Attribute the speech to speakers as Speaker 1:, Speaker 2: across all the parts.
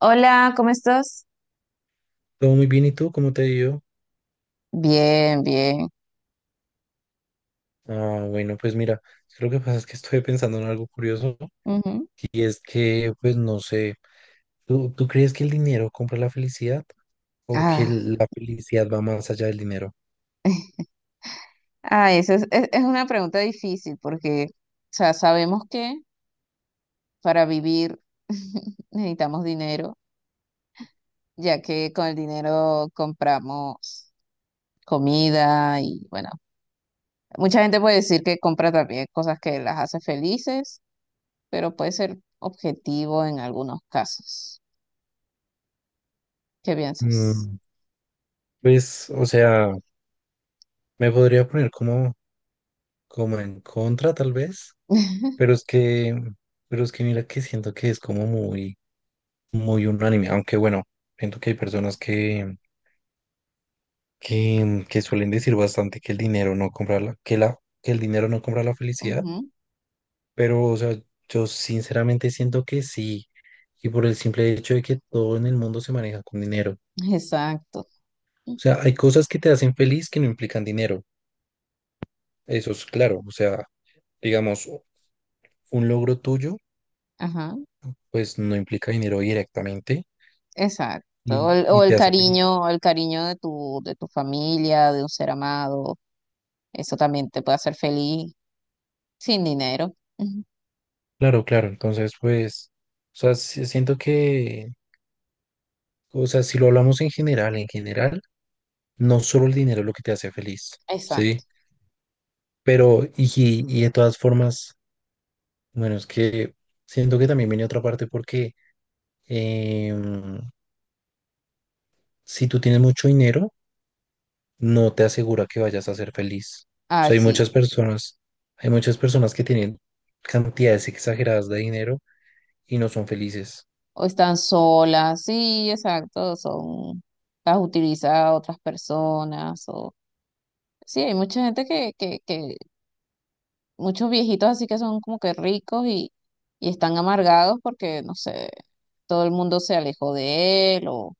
Speaker 1: Hola, ¿cómo estás?
Speaker 2: Todo muy bien, ¿y tú cómo te ha ido?
Speaker 1: Bien, bien.
Speaker 2: Ah, bueno, pues mira, lo que pasa es que estoy pensando en algo curioso
Speaker 1: Ujú.
Speaker 2: y es que, pues no sé, ¿tú crees que el dinero compra la felicidad o que
Speaker 1: Ah,
Speaker 2: la felicidad va más allá del dinero?
Speaker 1: ah, esa es, es una pregunta difícil porque, o sea, sabemos que para vivir necesitamos dinero, ya que con el dinero compramos comida y, bueno, mucha gente puede decir que compra también cosas que las hace felices, pero puede ser objetivo en algunos casos. ¿Qué piensas?
Speaker 2: Mm, pues, o sea, me podría poner como, como en contra tal vez, pero es que, pero es que mira que siento que es como muy, muy unánime, aunque bueno, siento que hay personas que suelen decir bastante que el dinero no compra que el dinero no compra la felicidad,
Speaker 1: Ujú.
Speaker 2: pero o sea, yo sinceramente siento que sí, y por el simple hecho de que todo en el mundo se maneja con dinero. O
Speaker 1: Exacto.
Speaker 2: sea, hay cosas que te hacen feliz que no implican dinero, eso es claro, o sea, digamos, un logro tuyo,
Speaker 1: Ajá.
Speaker 2: pues no implica dinero directamente
Speaker 1: Exacto. O
Speaker 2: y,
Speaker 1: el, o
Speaker 2: y
Speaker 1: el
Speaker 2: te hace feliz.
Speaker 1: cariño, o el cariño de tu familia, de un ser amado. Eso también te puede hacer feliz sin dinero. Ujú.
Speaker 2: Claro, claro, entonces pues, o sea, sí siento que, o sea, si lo hablamos en general, no solo el dinero es lo que te hace feliz, ¿sí?
Speaker 1: Exacto.
Speaker 2: Pero, y de todas formas, bueno, es que siento que también viene otra parte porque em, si tú tienes mucho dinero, no te asegura que vayas a ser feliz. O
Speaker 1: Ah,
Speaker 2: sea,
Speaker 1: sí.
Speaker 2: hay muchas personas que tienen cantidades exageradas de dinero y no son felices.
Speaker 1: O están solas. Sí, exacto. Son, las utiliza otras personas. O, sí, hay mucha gente que muchos viejitos así que son como que ricos y están amargados porque, no sé, todo el mundo se alejó de él. o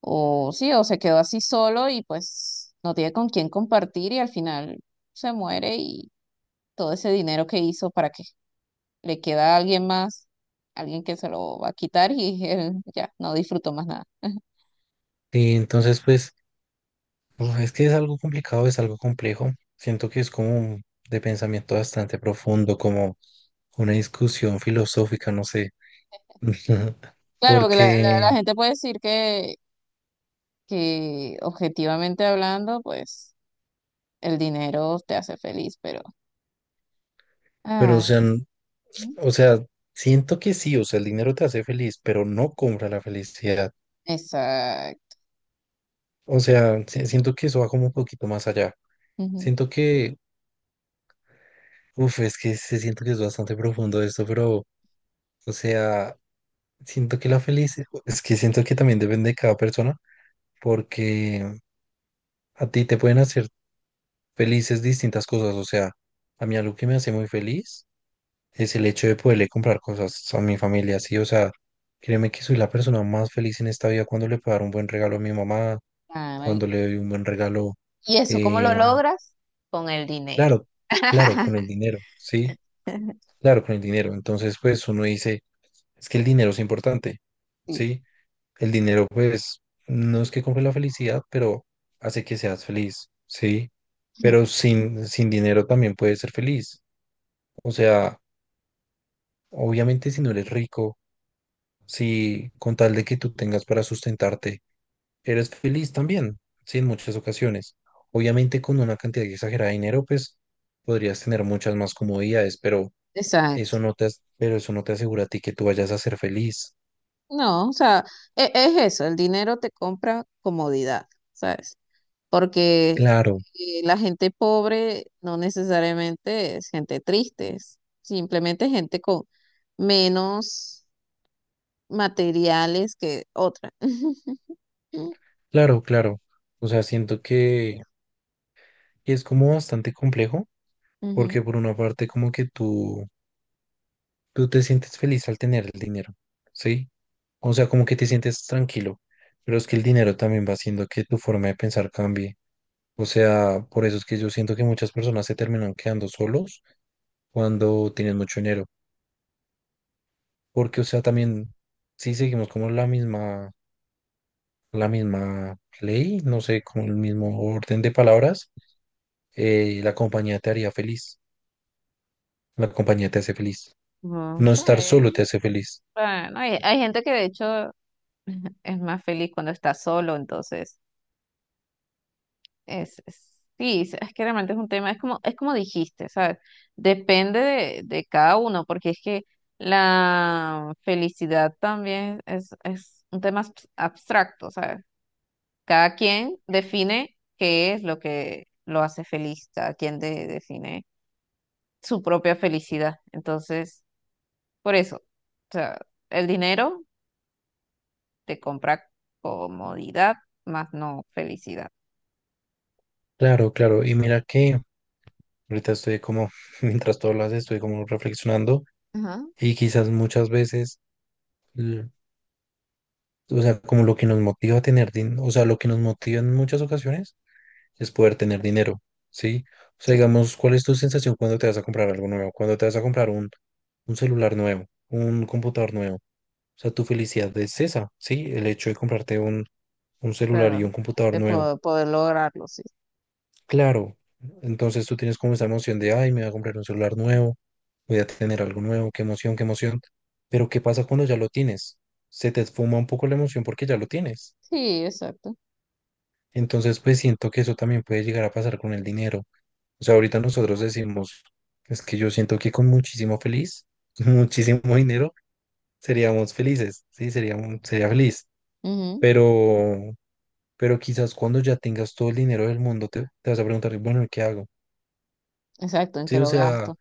Speaker 1: O sí, o se quedó así solo y pues no tiene con quién compartir, y al final se muere, y todo ese dinero que hizo para qué, le queda a alguien más, alguien que se lo va a quitar, y él ya no disfrutó más nada.
Speaker 2: Y entonces, pues, uf, es que es algo complicado, es algo complejo. Siento que es como de pensamiento bastante profundo, como una discusión filosófica, no sé.
Speaker 1: Claro, porque
Speaker 2: Porque,
Speaker 1: la gente puede decir que objetivamente hablando, pues el dinero te hace feliz, pero...
Speaker 2: pero o
Speaker 1: Ay,
Speaker 2: sea, o sea, siento que sí, o sea, el dinero te hace feliz, pero no compra la felicidad.
Speaker 1: exacto.
Speaker 2: O sea, siento que eso va como un poquito más allá.
Speaker 1: Ujú,
Speaker 2: Siento que, uff, es que se siento que es bastante profundo esto, pero, o sea, siento que la felicidad, es que siento que también depende de cada persona, porque a ti te pueden hacer felices distintas cosas. O sea, a mí algo que me hace muy feliz es el hecho de poderle comprar cosas a mi familia, sí, o sea, créeme que soy la persona más feliz en esta vida cuando le puedo dar un buen regalo a mi mamá,
Speaker 1: ay.
Speaker 2: cuando le doy un buen regalo,
Speaker 1: ¿Y eso cómo lo
Speaker 2: eh,
Speaker 1: logras? Con el dinero.
Speaker 2: claro, claro, con el dinero, sí, claro, con el dinero. Entonces, pues uno dice, es que el dinero es importante,
Speaker 1: Sí.
Speaker 2: sí, el dinero, pues, no es que compre la felicidad, pero hace que seas feliz, sí, pero sin dinero también puedes ser feliz, o sea, obviamente si no eres rico. Si con tal de que tú tengas para sustentarte, eres feliz también, sí, en muchas ocasiones. Obviamente con una cantidad exagerada de dinero, pues podrías tener muchas más comodidades, pero eso no te, pero eso no te asegura a ti que tú vayas a ser feliz.
Speaker 1: No, o sea, es, eso, el dinero te compra comodidad, ¿sabes? Porque
Speaker 2: Claro,
Speaker 1: la gente pobre no necesariamente es gente triste, es simplemente gente con menos materiales que otra.
Speaker 2: claro, claro. O sea, siento que es como bastante complejo,
Speaker 1: Ujú.
Speaker 2: porque por una parte como que tú te sientes feliz al tener el dinero, ¿sí? O sea, como que te sientes tranquilo, pero es que el dinero también va haciendo que tu forma de pensar cambie. O sea, por eso es que yo siento que muchas personas se terminan quedando solos cuando tienen mucho dinero. Porque, o sea, también, si seguimos como la misma ley, no sé, como el mismo orden de palabras, la compañía te haría feliz. La compañía te hace feliz.
Speaker 1: Mm,
Speaker 2: No estar solo te
Speaker 1: sí.
Speaker 2: hace feliz.
Speaker 1: Bueno, hay gente que de hecho es más feliz cuando está solo, entonces. Es, sí, es que realmente es un tema, es como dijiste, ¿sabes? Depende de cada uno, porque es que la felicidad también es un tema abstracto, ¿sabes? Cada quien define qué es lo que lo hace feliz, cada quien define su propia felicidad. Entonces, por eso, o sea, el dinero te compra comodidad, más no felicidad.
Speaker 2: Claro, claro. Y mira que ahorita estoy como, mientras tú hablas, estoy como reflexionando
Speaker 1: Ajá,
Speaker 2: y quizás muchas veces, l- o sea, como lo que nos motiva a tener dinero, o sea, lo que nos motiva en muchas ocasiones es poder tener dinero, ¿sí? O sea,
Speaker 1: sí,
Speaker 2: digamos, ¿cuál es tu sensación cuando te vas a comprar algo nuevo? Cuando te vas a comprar un celular nuevo, un computador nuevo. O sea, tu felicidad es esa, ¿sí? El hecho de comprarte un celular y
Speaker 1: claro,
Speaker 2: un computador
Speaker 1: de
Speaker 2: nuevo.
Speaker 1: poder lograrlo, sí.
Speaker 2: Claro, entonces tú tienes como esa emoción de, ay, me voy a comprar un celular nuevo, voy a tener algo nuevo, qué emoción, qué emoción. Pero ¿qué pasa cuando ya lo tienes? Se te esfuma un poco la emoción porque ya lo tienes.
Speaker 1: Sí, exacto.
Speaker 2: Entonces, pues siento que eso también puede llegar a pasar con el dinero. O sea, ahorita nosotros decimos, es que yo siento que con muchísimo feliz, muchísimo dinero, seríamos felices, sí, sería, sería feliz.
Speaker 1: Ujú.
Speaker 2: Pero, pero quizás cuando ya tengas todo el dinero del mundo, te vas a preguntar, bueno, ¿y ¿qué hago?
Speaker 1: Exacto, en
Speaker 2: Sí,
Speaker 1: que
Speaker 2: o
Speaker 1: lo
Speaker 2: sea,
Speaker 1: gasto.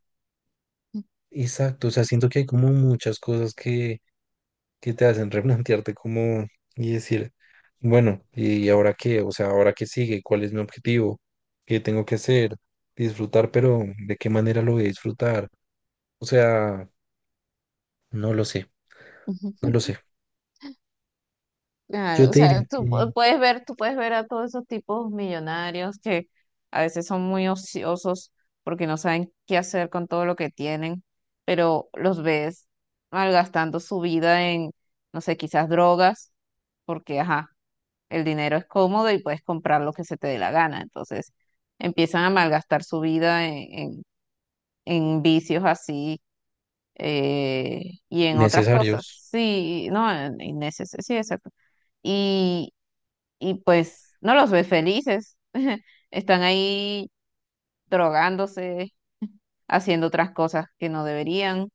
Speaker 2: exacto, o sea, siento que hay como muchas cosas que te hacen replantearte como y decir, bueno, ¿y ahora qué? O sea, ¿ahora qué sigue? ¿Cuál es mi objetivo? ¿Qué tengo que hacer? Disfrutar, pero ¿de qué manera lo voy a disfrutar? O sea... No lo sé, no lo
Speaker 1: Ujú.
Speaker 2: sé.
Speaker 1: Claro,
Speaker 2: Yo
Speaker 1: o
Speaker 2: te
Speaker 1: sea,
Speaker 2: diría
Speaker 1: tú
Speaker 2: que
Speaker 1: puedes ver, tú puedes ver a todos esos tipos millonarios que a veces son muy ociosos porque no saben qué hacer con todo lo que tienen, pero los ves malgastando su vida en, no sé, quizás drogas, porque, ajá, el dinero es cómodo y puedes comprar lo que se te dé la gana. Entonces empiezan a malgastar su vida en vicios así, eh, y en otras cosas.
Speaker 2: necesarios.
Speaker 1: Sí, no, en, sí, exacto. Y, y pues no los ves felices. Están ahí drogándose, haciendo otras cosas que no deberían.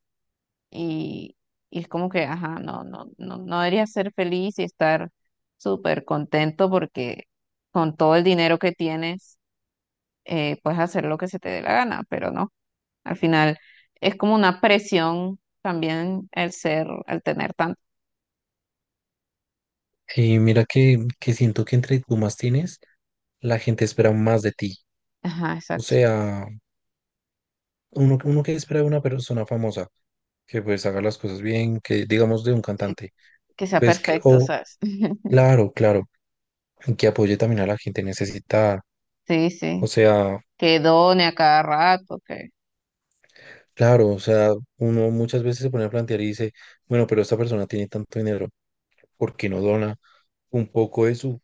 Speaker 1: Y, y es como que, ajá, no, debería ser feliz y estar súper contento porque con todo el dinero que tienes, puedes hacer lo que se te dé la gana, pero no, al final es como una presión también el ser, el tener tanto.
Speaker 2: Y mira que siento que entre tú más tienes, la gente espera más de ti.
Speaker 1: Ajá,
Speaker 2: O
Speaker 1: exacto.
Speaker 2: sea, uno, uno que espera de una persona famosa, que pues haga las cosas bien, que digamos de un
Speaker 1: Eh,
Speaker 2: cantante,
Speaker 1: que sea
Speaker 2: pues que,
Speaker 1: perfecto,
Speaker 2: o
Speaker 1: ¿sabes?
Speaker 2: claro, claro, que apoye también a la gente necesitada.
Speaker 1: Sí,
Speaker 2: O
Speaker 1: sí.
Speaker 2: sea,
Speaker 1: Que done a cada rato.
Speaker 2: claro, o sea, uno muchas veces se pone a plantear y dice, bueno, pero esta persona tiene tanto dinero, ¿por qué no dona un poco de su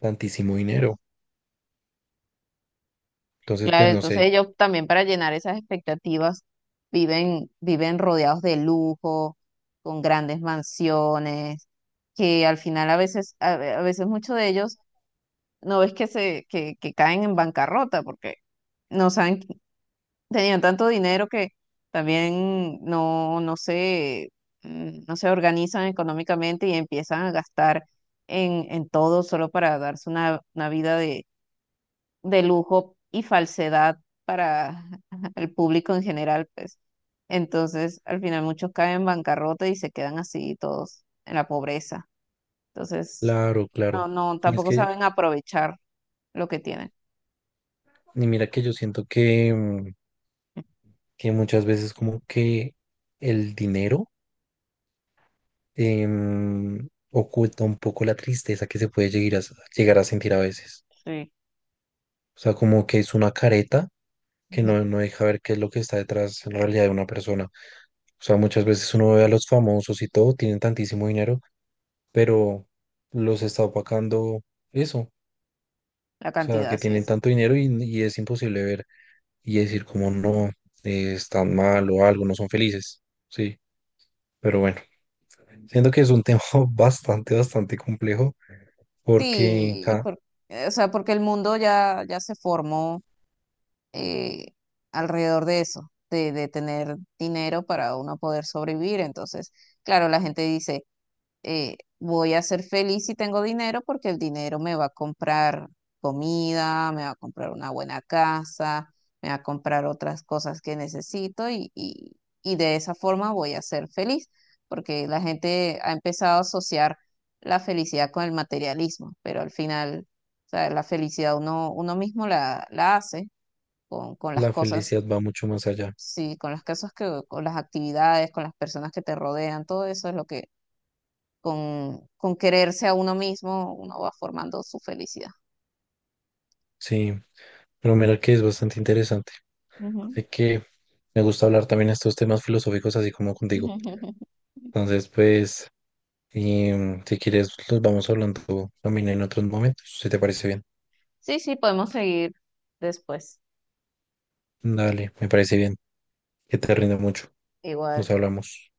Speaker 2: tantísimo dinero? Entonces, pues
Speaker 1: Claro,
Speaker 2: no
Speaker 1: entonces
Speaker 2: sé.
Speaker 1: ellos también para llenar esas expectativas viven rodeados de lujo, con grandes mansiones, que al final a veces, a veces muchos de ellos no ves que se, que caen en bancarrota porque no saben, tenían tanto dinero que también no, no se, no se organizan económicamente, y empiezan a gastar en todo solo para darse una vida de lujo y falsedad para el público en general, pues. Entonces, al final muchos caen en bancarrota y se quedan así todos en la pobreza. Entonces,
Speaker 2: Claro,
Speaker 1: no,
Speaker 2: claro.
Speaker 1: no,
Speaker 2: Y es
Speaker 1: tampoco
Speaker 2: que,
Speaker 1: saben aprovechar lo que tienen.
Speaker 2: y mira que yo siento que, mm, que muchas veces como que el dinero oculta un poco la tristeza que se puede llegar a, llegar a sentir a veces.
Speaker 1: Sí.
Speaker 2: O sea, como que es una careta que no, no deja ver qué es lo que está detrás en realidad de una persona. O sea, muchas veces uno ve a los famosos y todo, tienen tantísimo dinero, pero los está opacando eso. O
Speaker 1: La
Speaker 2: sea,
Speaker 1: cantidad,
Speaker 2: que
Speaker 1: sí,
Speaker 2: tienen
Speaker 1: exacto.
Speaker 2: tanto dinero y es imposible ver, y decir como no, están mal o algo, no son felices. Sí, pero bueno, siento que es un tema bastante, bastante complejo porque
Speaker 1: Sí, o sea, porque el mundo ya, ya se formó, eh, alrededor de eso, de tener dinero para uno poder sobrevivir. Entonces, claro, la gente dice, voy a ser feliz si tengo dinero porque el dinero me va a comprar comida, me va a comprar una buena casa, me va a comprar otras cosas que necesito, y de esa forma voy a ser feliz porque la gente ha empezado a asociar la felicidad con el materialismo, pero al final, o sea, la felicidad uno, uno mismo la, la hace con las
Speaker 2: la
Speaker 1: cosas.
Speaker 2: felicidad va mucho más allá.
Speaker 1: Sí, con las cosas que, con las actividades, con las personas que te rodean, todo eso es lo que con quererse a uno mismo, uno va formando su felicidad.
Speaker 2: Sí, pero mira que es bastante interesante.
Speaker 1: Ujú.
Speaker 2: Sé que me gusta hablar también estos temas filosóficos así como contigo. Entonces, pues, si quieres, los vamos hablando también en otros momentos, si te parece bien.
Speaker 1: Sí, sí, podemos seguir después.
Speaker 2: Dale, me parece bien. Que te rinda mucho. Nos
Speaker 1: Igual.
Speaker 2: hablamos.